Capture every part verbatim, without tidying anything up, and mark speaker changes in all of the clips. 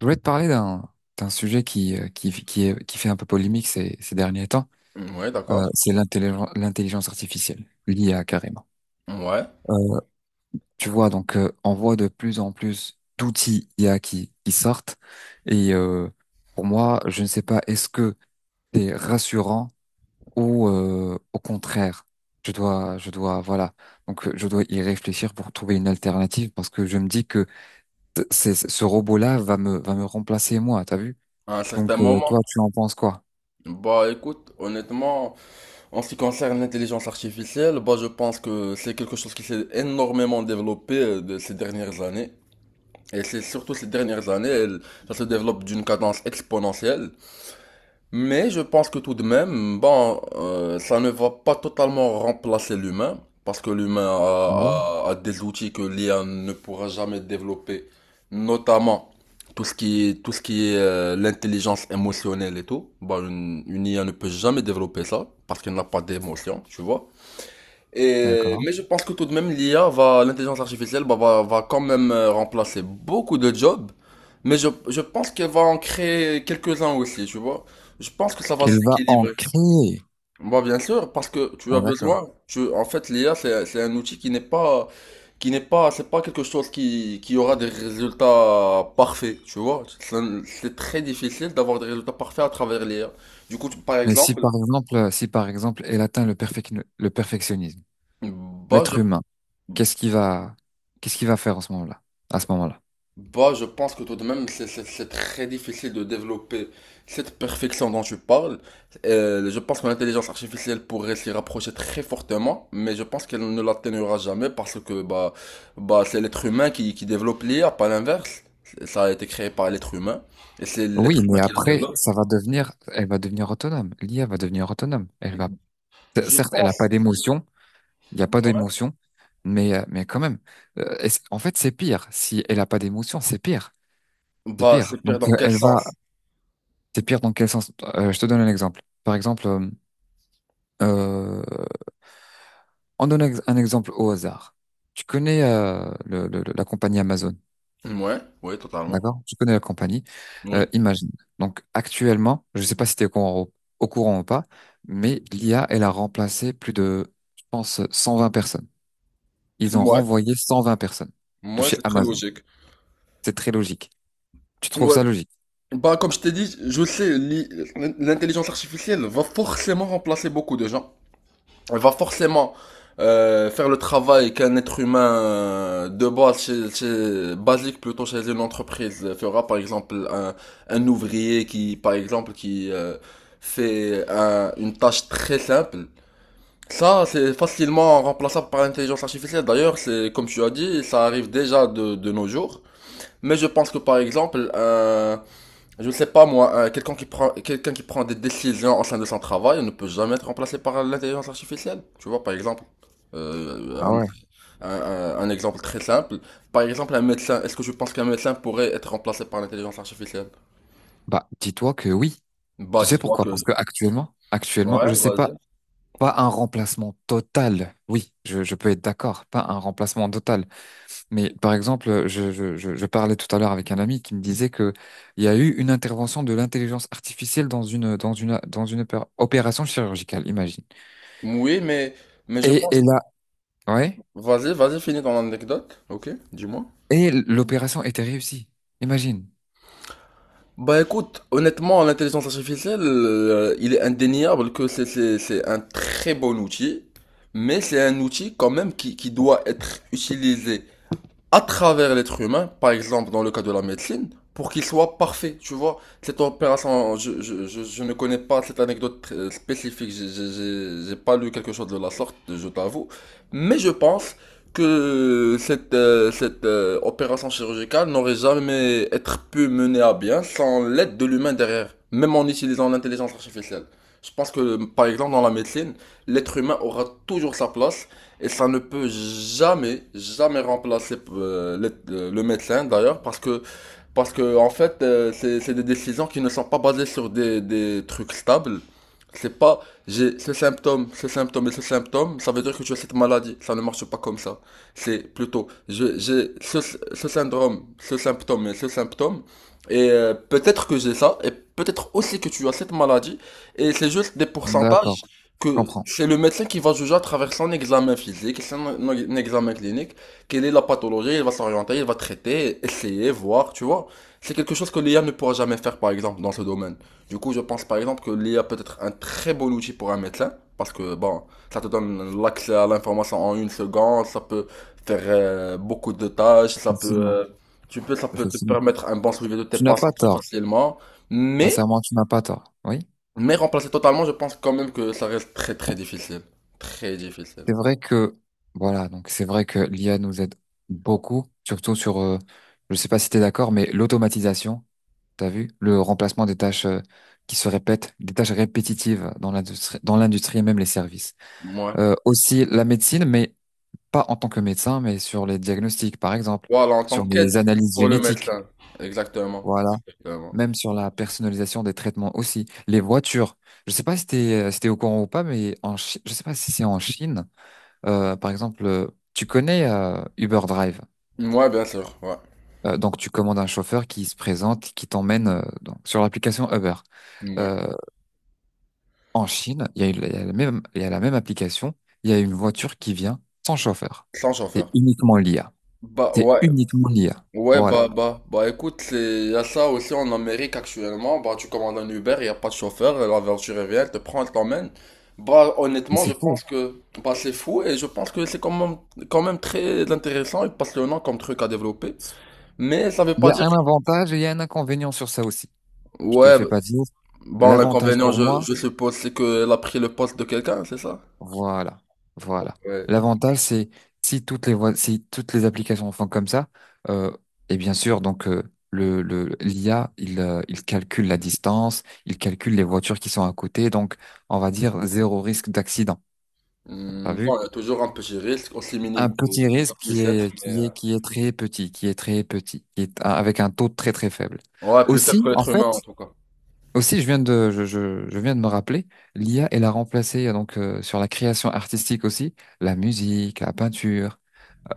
Speaker 1: Je voulais te parler d'un d'un sujet qui, euh, qui, qui, est- qui fait un peu polémique ces, ces derniers temps.
Speaker 2: Ouais,
Speaker 1: Euh,
Speaker 2: d'accord.
Speaker 1: c'est l'intelligence, l'intelligence artificielle, l'I A carrément.
Speaker 2: Ouais,
Speaker 1: Euh, tu vois, donc euh, on voit de plus en plus d'outils I A qui, qui sortent. Et euh, pour moi, je ne sais pas, est-ce que c'est rassurant ou euh, au contraire, je dois, je dois, voilà, donc euh, je dois y réfléchir pour trouver une alternative parce que je me dis que c- c'est, ce robot-là va me, va me remplacer moi, t'as vu?
Speaker 2: à un certain
Speaker 1: Donc euh,
Speaker 2: moment.
Speaker 1: toi, tu en penses quoi?
Speaker 2: Bah écoute, honnêtement, en ce qui concerne l'intelligence artificielle, bah je pense que c'est quelque chose qui s'est énormément développé euh, de ces dernières années. Et c'est surtout ces dernières années, elle- ça se développe d'une cadence exponentielle. Mais je pense que tout de même, bon, euh, ça ne va pas totalement remplacer l'humain, parce que l'humain
Speaker 1: Ah ouais,
Speaker 2: a, a- a des outils que l'I A ne pourra jamais développer, notamment tout ce qui est, tout ce qui est euh, l'intelligence émotionnelle et tout. Bon, une, une I A ne peut jamais développer ça, parce qu'elle n'a pas d'émotion, tu vois. Et,
Speaker 1: d'accord.
Speaker 2: mais je pense que tout de même, l'I A va, l'intelligence artificielle bah, va, va quand même euh, remplacer beaucoup de jobs, mais je, je pense qu'elle va en créer quelques-uns aussi, tu vois. Je pense que ça va
Speaker 1: Il va en
Speaker 2: s'équilibrer.
Speaker 1: créer.
Speaker 2: Bah, bien sûr, parce que tu as
Speaker 1: Ah, d'accord.
Speaker 2: besoin, tu, en fait, l'I A, c'est, c'est un outil qui n'est pas, qui n'est pas, c'est pas quelque chose qui, qui aura des résultats parfaits, tu vois. C'est un- c'est très difficile d'avoir des résultats parfaits à travers l'I A. Du coup, tu- par
Speaker 1: Mais si
Speaker 2: exemple,
Speaker 1: par exemple, euh, si par exemple, elle atteint le perfec- le perfectionnisme,
Speaker 2: bah, je,
Speaker 1: l'être humain, qu'est-ce qu'il va, qu'est-ce qu'il va faire en ce moment-là, à ce moment-là?
Speaker 2: bah, je pense que tout de même, c'est c'est- c'est très difficile de développer cette perfection dont tu parles. Euh, je pense que l'intelligence artificielle pourrait s'y rapprocher très fortement, mais je pense qu'elle ne l'atteignera jamais parce que bah, bah, c'est l'être humain qui, qui développe l'I A, pas l'inverse. Ça a été créé par l'être humain et c'est l'être
Speaker 1: Oui,
Speaker 2: humain
Speaker 1: mais
Speaker 2: qui le
Speaker 1: après,
Speaker 2: développe.
Speaker 1: ça va devenir, elle va devenir autonome. L'I A va devenir autonome. Elle va. C-
Speaker 2: Je
Speaker 1: certes, elle n'a pas
Speaker 2: pense.
Speaker 1: d'émotion, il n'y a pas
Speaker 2: Ouais.
Speaker 1: d'émotion, mais, euh, mais quand même. Euh, est-ce- en fait, c'est pire. Si elle n'a pas d'émotion, c'est pire. C'est
Speaker 2: Bah,
Speaker 1: pire.
Speaker 2: c'est pire
Speaker 1: Donc,
Speaker 2: dans
Speaker 1: euh,
Speaker 2: quel
Speaker 1: elle
Speaker 2: sens?
Speaker 1: va, c'est pire dans quel sens? Euh, je te donne un exemple. Par exemple, euh, euh, en donnant ex- un exemple au hasard. Tu connais euh, le- le- le- la compagnie Amazon,
Speaker 2: Ouais, oui, totalement.
Speaker 1: d'accord? Tu connais la compagnie. Euh,
Speaker 2: Oui.
Speaker 1: imagine. Donc actuellement, je ne sais pas si tu es au courant, au courant ou pas, mais l'I A, elle a remplacé plus de, je pense, cent vingt personnes. Ils ont
Speaker 2: Ouais.
Speaker 1: renvoyé cent vingt personnes de
Speaker 2: Moi,
Speaker 1: chez
Speaker 2: c'est très
Speaker 1: Amazon.
Speaker 2: logique.
Speaker 1: C'est très logique. Tu trouves
Speaker 2: Ouais,
Speaker 1: ça logique?
Speaker 2: bah, comme je t'ai dit, je sais, l'i- l'intelligence artificielle va forcément remplacer beaucoup de gens. Elle va forcément euh, faire le travail qu'un être humain euh, de base, chez, chez- basique plutôt chez une entreprise euh, fera. Par exemple, un, un ouvrier qui, par exemple, qui euh, fait un- une tâche très simple. Ça, c'est facilement remplaçable par l'intelligence artificielle. D'ailleurs, c'est comme tu as dit, ça arrive déjà de, de nos jours. Mais je pense que, par exemple, un je ne sais pas moi, euh, quelqu'un qui prend quelqu'un qui prend des décisions au sein de son travail ne peut jamais être remplacé par l'intelligence artificielle. Tu vois, par exemple, euh,
Speaker 1: Ah
Speaker 2: un,
Speaker 1: ouais.
Speaker 2: un- un- un exemple très simple. Par exemple, un médecin. Est-ce que je pense qu'un médecin pourrait être remplacé par l'intelligence artificielle?
Speaker 1: Bah, dis-toi que oui.
Speaker 2: Bah,
Speaker 1: Tu sais
Speaker 2: dis-toi
Speaker 1: pourquoi?
Speaker 2: que.
Speaker 1: Parce que actuellement, actuellement, je
Speaker 2: Ouais,
Speaker 1: sais pas,
Speaker 2: vas-y.
Speaker 1: pas un remplacement total. Oui, je, je peux être d'accord, pas un remplacement total. Mais par exemple, je, je, je, je parlais tout à l'heure avec un ami qui me disait que il y a eu une intervention de l'intelligence artificielle dans une dans une dans une opé- opération chirurgicale, imagine.
Speaker 2: Oui, mais mais je
Speaker 1: Et,
Speaker 2: pense.
Speaker 1: et là, ouais,
Speaker 2: Vas-y, vas-y, finis ton anecdote. Ok, dis-moi.
Speaker 1: et l'opération était réussie, imagine.
Speaker 2: Bah écoute, honnêtement, l'intelligence artificielle, euh, il est indéniable que c'est c'est- c'est un très bon outil, mais c'est un outil quand même qui, qui doit être utilisé à travers l'être humain, par exemple dans le cas de la médecine, pour qu'il soit parfait. Tu vois, cette opération, je, je, je, je ne connais pas cette anecdote très spécifique, j'ai j'ai- j'ai- j'ai pas lu quelque chose de la sorte, je t'avoue, mais je pense que cette, euh, cette euh, opération chirurgicale n'aurait jamais être pu mener à bien sans l'aide de l'humain derrière, même en utilisant l'intelligence artificielle. Je pense que, par exemple, dans la médecine, l'être humain aura toujours sa place et ça ne peut jamais, jamais remplacer euh, le, euh, le médecin d'ailleurs, parce que parce que, en fait, euh, c'est c'est des décisions qui ne sont pas basées sur des, des trucs stables. C'est pas, j'ai ce symptôme, ce symptôme et ce symptôme, ça veut dire que tu as cette maladie. Ça ne marche pas comme ça. C'est plutôt, je- j'ai ce, ce syndrome, ce symptôme et ce symptôme. Et euh, peut-être que j'ai ça, et peut-être aussi que tu as cette maladie. Et c'est juste des
Speaker 1: D'accord,
Speaker 2: pourcentages
Speaker 1: je
Speaker 2: que
Speaker 1: comprends.
Speaker 2: c'est le médecin qui va juger à travers son examen physique, son son examen clinique, quelle est la pathologie, il va s'orienter, il va traiter, essayer, voir, tu vois. C'est quelque chose que l'I A ne pourra jamais faire, par exemple, dans ce domaine. Du coup, je pense, par exemple, que l'I A peut être un très bon outil pour un médecin, parce que, bon, ça te donne l'accès à l'information en une seconde, ça peut faire euh, beaucoup de tâches, ça peut,
Speaker 1: Effectivement,
Speaker 2: euh, tu peux, ça peut te
Speaker 1: effectivement.
Speaker 2: permettre un bon suivi de tes
Speaker 1: Tu n'as pas
Speaker 2: patients très
Speaker 1: tort.
Speaker 2: facilement, mais,
Speaker 1: Sincèrement, tu n'as pas tort. Oui,
Speaker 2: mais remplacer totalement, je pense quand même que ça reste très, très difficile. Très difficile.
Speaker 1: c'est vrai que voilà, donc c'est vrai que l'I A nous aide beaucoup, surtout sur, euh, je sais pas si tu es d'accord, mais l'automatisation. T'as vu? Le remplacement des tâches euh, qui se répètent, des tâches répétitives dans l'industrie, dans l'industrie et même les services.
Speaker 2: Ouais.
Speaker 1: Euh, aussi la médecine, mais pas en tant que médecin, mais sur les diagnostics, par exemple,
Speaker 2: Voilà, en tant
Speaker 1: sur
Speaker 2: qu'aide
Speaker 1: les analyses
Speaker 2: pour le
Speaker 1: génétiques,
Speaker 2: médecin. Exactement.
Speaker 1: voilà.
Speaker 2: Exactement.
Speaker 1: Même sur la personnalisation des traitements aussi. Les voitures. Je sais pas si t'es, euh, si t'es au courant ou pas, mais en Chi- je sais pas si c'est en Chine. euh, par exemple, euh, tu connais euh, Uber Drive.
Speaker 2: Ouais, bien sûr, ouais.
Speaker 1: Euh, donc tu commandes un chauffeur qui se présente, qui t'emmène euh, donc, sur l'application Uber.
Speaker 2: Ouais.
Speaker 1: Euh, En Chine, il y a, eu- il y a la même, il y a la même application, il y a une voiture qui vient sans chauffeur.
Speaker 2: Sans
Speaker 1: C'est
Speaker 2: chauffeur.
Speaker 1: uniquement l'I A.
Speaker 2: Bah,
Speaker 1: C'est
Speaker 2: ouais,
Speaker 1: uniquement l'I A.
Speaker 2: ouais, bah,
Speaker 1: Voilà.
Speaker 2: ouais. bah bah écoute, c'est- il y a ça aussi en Amérique actuellement, bah tu commandes un Uber, il y a pas de chauffeur, la voiture elle vient, elle te prend, elle t'emmène. Bah
Speaker 1: Mais
Speaker 2: honnêtement,
Speaker 1: c'est
Speaker 2: je
Speaker 1: fou.
Speaker 2: pense que bah c'est fou et je pense que c'est quand même quand même très intéressant et passionnant comme truc à développer, mais ça veut
Speaker 1: Il y
Speaker 2: pas
Speaker 1: a
Speaker 2: dire.
Speaker 1: un avantage et il y a un inconvénient sur ça aussi. Je te le
Speaker 2: Ouais,
Speaker 1: fais pas dire.
Speaker 2: bon
Speaker 1: L'avantage
Speaker 2: l'inconvénient
Speaker 1: pour
Speaker 2: je
Speaker 1: moi,
Speaker 2: je suppose c'est qu'elle a pris le poste de quelqu'un, c'est ça?
Speaker 1: voilà. Voilà.
Speaker 2: Ouais.
Speaker 1: L'avantage, c'est si toutes les voies- si toutes les applications font comme ça, euh, et bien sûr, donc, euh, le, le, l'I A, il, euh, il calcule la distance, il calcule les voitures qui sont à côté, donc, on va dire zéro risque d'accident. T'as
Speaker 2: Hmm,
Speaker 1: vu?
Speaker 2: bon, il y a toujours un petit risque, aussi
Speaker 1: Un
Speaker 2: minime
Speaker 1: petit
Speaker 2: que, que ça
Speaker 1: risque qui
Speaker 2: puisse l'être,
Speaker 1: est,
Speaker 2: mais
Speaker 1: qui
Speaker 2: euh,
Speaker 1: est, qui est très petit, qui est très petit, qui est a- avec un taux très très faible.
Speaker 2: ouais, plus faible que
Speaker 1: Aussi, en
Speaker 2: l'être
Speaker 1: fait,
Speaker 2: humain en tout cas.
Speaker 1: aussi, je viens de, je, je, je viens de me rappeler, l'I A, elle a remplacé euh, donc euh, sur la création artistique aussi, la musique, la peinture,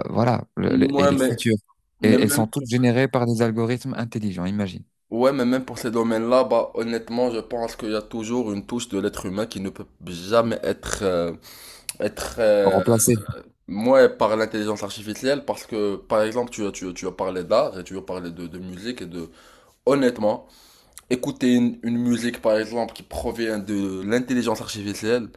Speaker 1: euh, voilà, le- le- et
Speaker 2: Ouais, mais
Speaker 1: l'écriture.
Speaker 2: Mais
Speaker 1: Et elles
Speaker 2: même
Speaker 1: sont toutes
Speaker 2: pour,
Speaker 1: générées par des algorithmes intelligents, imagine.
Speaker 2: ouais, mais même pour ces domaines-là, bah, honnêtement, je pense qu'il y a toujours une touche de l'être humain qui ne peut jamais être, euh, être euh,
Speaker 1: Remplacées.
Speaker 2: moi, par l'intelligence artificielle, parce que, par exemple, tu as, tu, as- tu as parlé d'art et tu as parlé de, de musique et de... Honnêtement, écouter une, une musique, par exemple, qui provient de l'intelligence artificielle.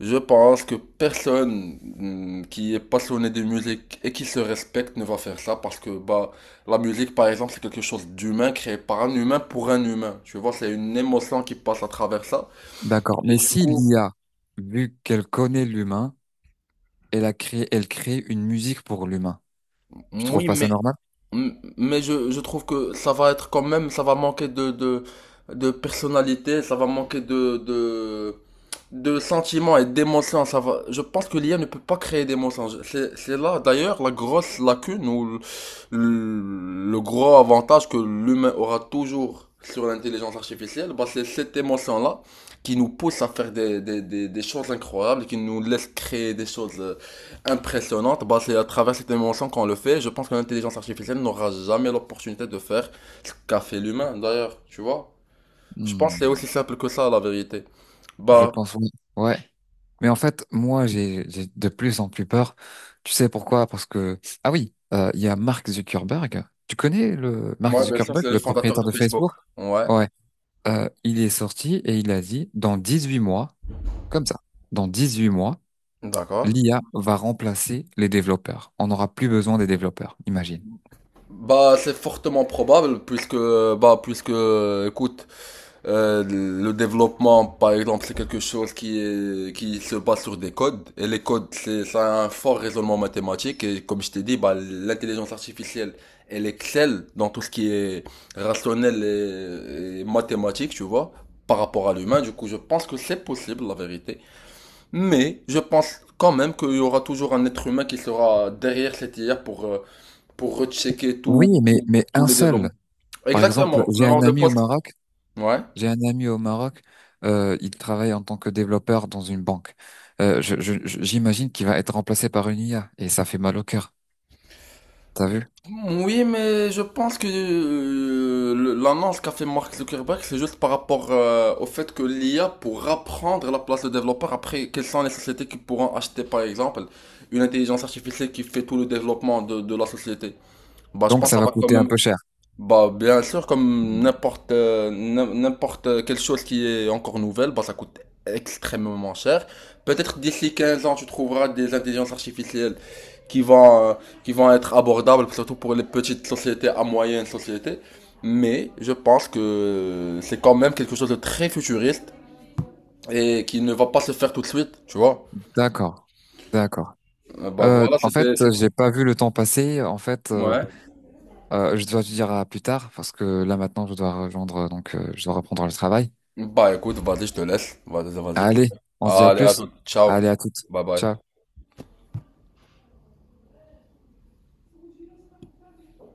Speaker 2: Je pense que personne mm, qui est passionné de musique et qui se respecte ne va faire ça, parce que bah, la musique par exemple c'est quelque chose d'humain, créé par un humain pour un humain. Tu vois, c'est une émotion qui passe à travers ça.
Speaker 1: D'accord.
Speaker 2: Et
Speaker 1: Mais
Speaker 2: du
Speaker 1: si
Speaker 2: coup,
Speaker 1: l'I A, vu qu'elle connaît l'humain, elle a créé, elle crée une musique pour l'humain. Tu trouves
Speaker 2: oui,
Speaker 1: pas ça
Speaker 2: mais
Speaker 1: normal?
Speaker 2: M- mais je, je trouve que ça va être quand même, ça va manquer de, de, de personnalité, ça va manquer de, de, de sentiments et d'émotions. Ça va, je pense que l'I A ne peut pas créer d'émotions. Je- C'est, c'est là d'ailleurs la grosse lacune ou le, le gros avantage que l'humain aura toujours sur l'intelligence artificielle. Bah, c'est cette émotion-là qui nous pousse à faire des, des, des, des choses incroyables, et qui nous laisse créer des choses euh, impressionnante. Bah, c'est à travers cette émotion qu'on le fait. Je pense que l'intelligence artificielle n'aura jamais l'opportunité de faire ce qu'a fait l'humain, d'ailleurs, tu vois. Je pense que c'est
Speaker 1: Hmm,
Speaker 2: aussi simple que ça, la vérité.
Speaker 1: je
Speaker 2: Bah,
Speaker 1: pense oui. Ouais. Mais en fait, moi, j'ai j'ai de plus en plus peur. Tu sais pourquoi? Parce que ah oui, euh, il y a Mark Zuckerberg. Tu connais le Mark
Speaker 2: moi, bien sûr,
Speaker 1: Zuckerberg,
Speaker 2: c'est le
Speaker 1: le
Speaker 2: fondateur
Speaker 1: propriétaire
Speaker 2: de
Speaker 1: de
Speaker 2: Facebook.
Speaker 1: Facebook?
Speaker 2: Ouais,
Speaker 1: Ouais. Euh, il est sorti et il a dit dans dix-huit mois, comme ça, dans dix-huit mois,
Speaker 2: d'accord.
Speaker 1: l'I A va remplacer les développeurs. On n'aura plus besoin des développeurs, imagine.
Speaker 2: Bah, c'est fortement probable, puisque, bah, puisque, écoute. Euh, le développement, par exemple, c'est quelque chose qui est, qui se base sur des codes. Et les codes, c'est, ça a un fort raisonnement mathématique. Et comme je t'ai dit, bah, l'intelligence artificielle, elle excelle dans tout ce qui est rationnel et, et mathématique, tu vois, par rapport à l'humain. Du coup, je pense que c'est possible, la vérité. Mais je pense quand même qu'il y aura toujours un être humain qui sera derrière cette I A pour, euh, pour rechecker
Speaker 1: Oui,
Speaker 2: tout,
Speaker 1: mais,
Speaker 2: tout,
Speaker 1: mais
Speaker 2: tous
Speaker 1: un
Speaker 2: les
Speaker 1: seul.
Speaker 2: développements.
Speaker 1: Par exemple,
Speaker 2: Exactement, le
Speaker 1: j'ai un
Speaker 2: nombre de
Speaker 1: ami au
Speaker 2: postes.
Speaker 1: Maroc.
Speaker 2: Ouais.
Speaker 1: J'ai un ami au Maroc. euh, il travaille en tant que développeur dans une banque. Euh, je, je- je- j'imagine qu'il va être remplacé par une I A et ça fait mal au cœur. T'as vu?
Speaker 2: Oui, mais je pense que euh, le- l'annonce qu'a fait Mark Zuckerberg, c'est juste par rapport euh, au fait que l'I A pourra prendre la place de développeur. Après, quelles sont les sociétés qui pourront acheter, par exemple, une intelligence artificielle qui fait tout le développement de, de la société? Bah, je
Speaker 1: Donc
Speaker 2: pense que
Speaker 1: ça
Speaker 2: ça
Speaker 1: va
Speaker 2: va quand
Speaker 1: coûter un
Speaker 2: même.
Speaker 1: peu cher.
Speaker 2: Bah, bien sûr, comme
Speaker 1: Mm.
Speaker 2: n'importe euh, n'im- n'importe quelle chose qui est encore nouvelle, bah, ça coûte extrêmement cher. Peut-être d'ici quinze ans, tu trouveras des intelligences artificielles qui vont, euh, qui vont être abordables, surtout pour les petites sociétés à moyenne société. Mais je pense que c'est quand même quelque chose de très futuriste et qui ne va pas se faire tout de suite, tu vois.
Speaker 1: D'accord, d'accord.
Speaker 2: Euh, Bah
Speaker 1: Euh,
Speaker 2: voilà,
Speaker 1: en fait,
Speaker 2: c'était, c'était...
Speaker 1: j'ai pas vu le temps passer. En fait, euh,
Speaker 2: Ouais.
Speaker 1: euh, je dois te dire à plus tard parce que là maintenant, je dois rejoindre. Donc, euh, je dois reprendre le travail.
Speaker 2: Bah écoute, vas-y, je te laisse. Vas-y, vas-y.
Speaker 1: Allez, on se dit à
Speaker 2: Allez, à
Speaker 1: plus.
Speaker 2: tout. Ciao.
Speaker 1: Allez, à toutes.
Speaker 2: Bye bye.
Speaker 1: Ciao.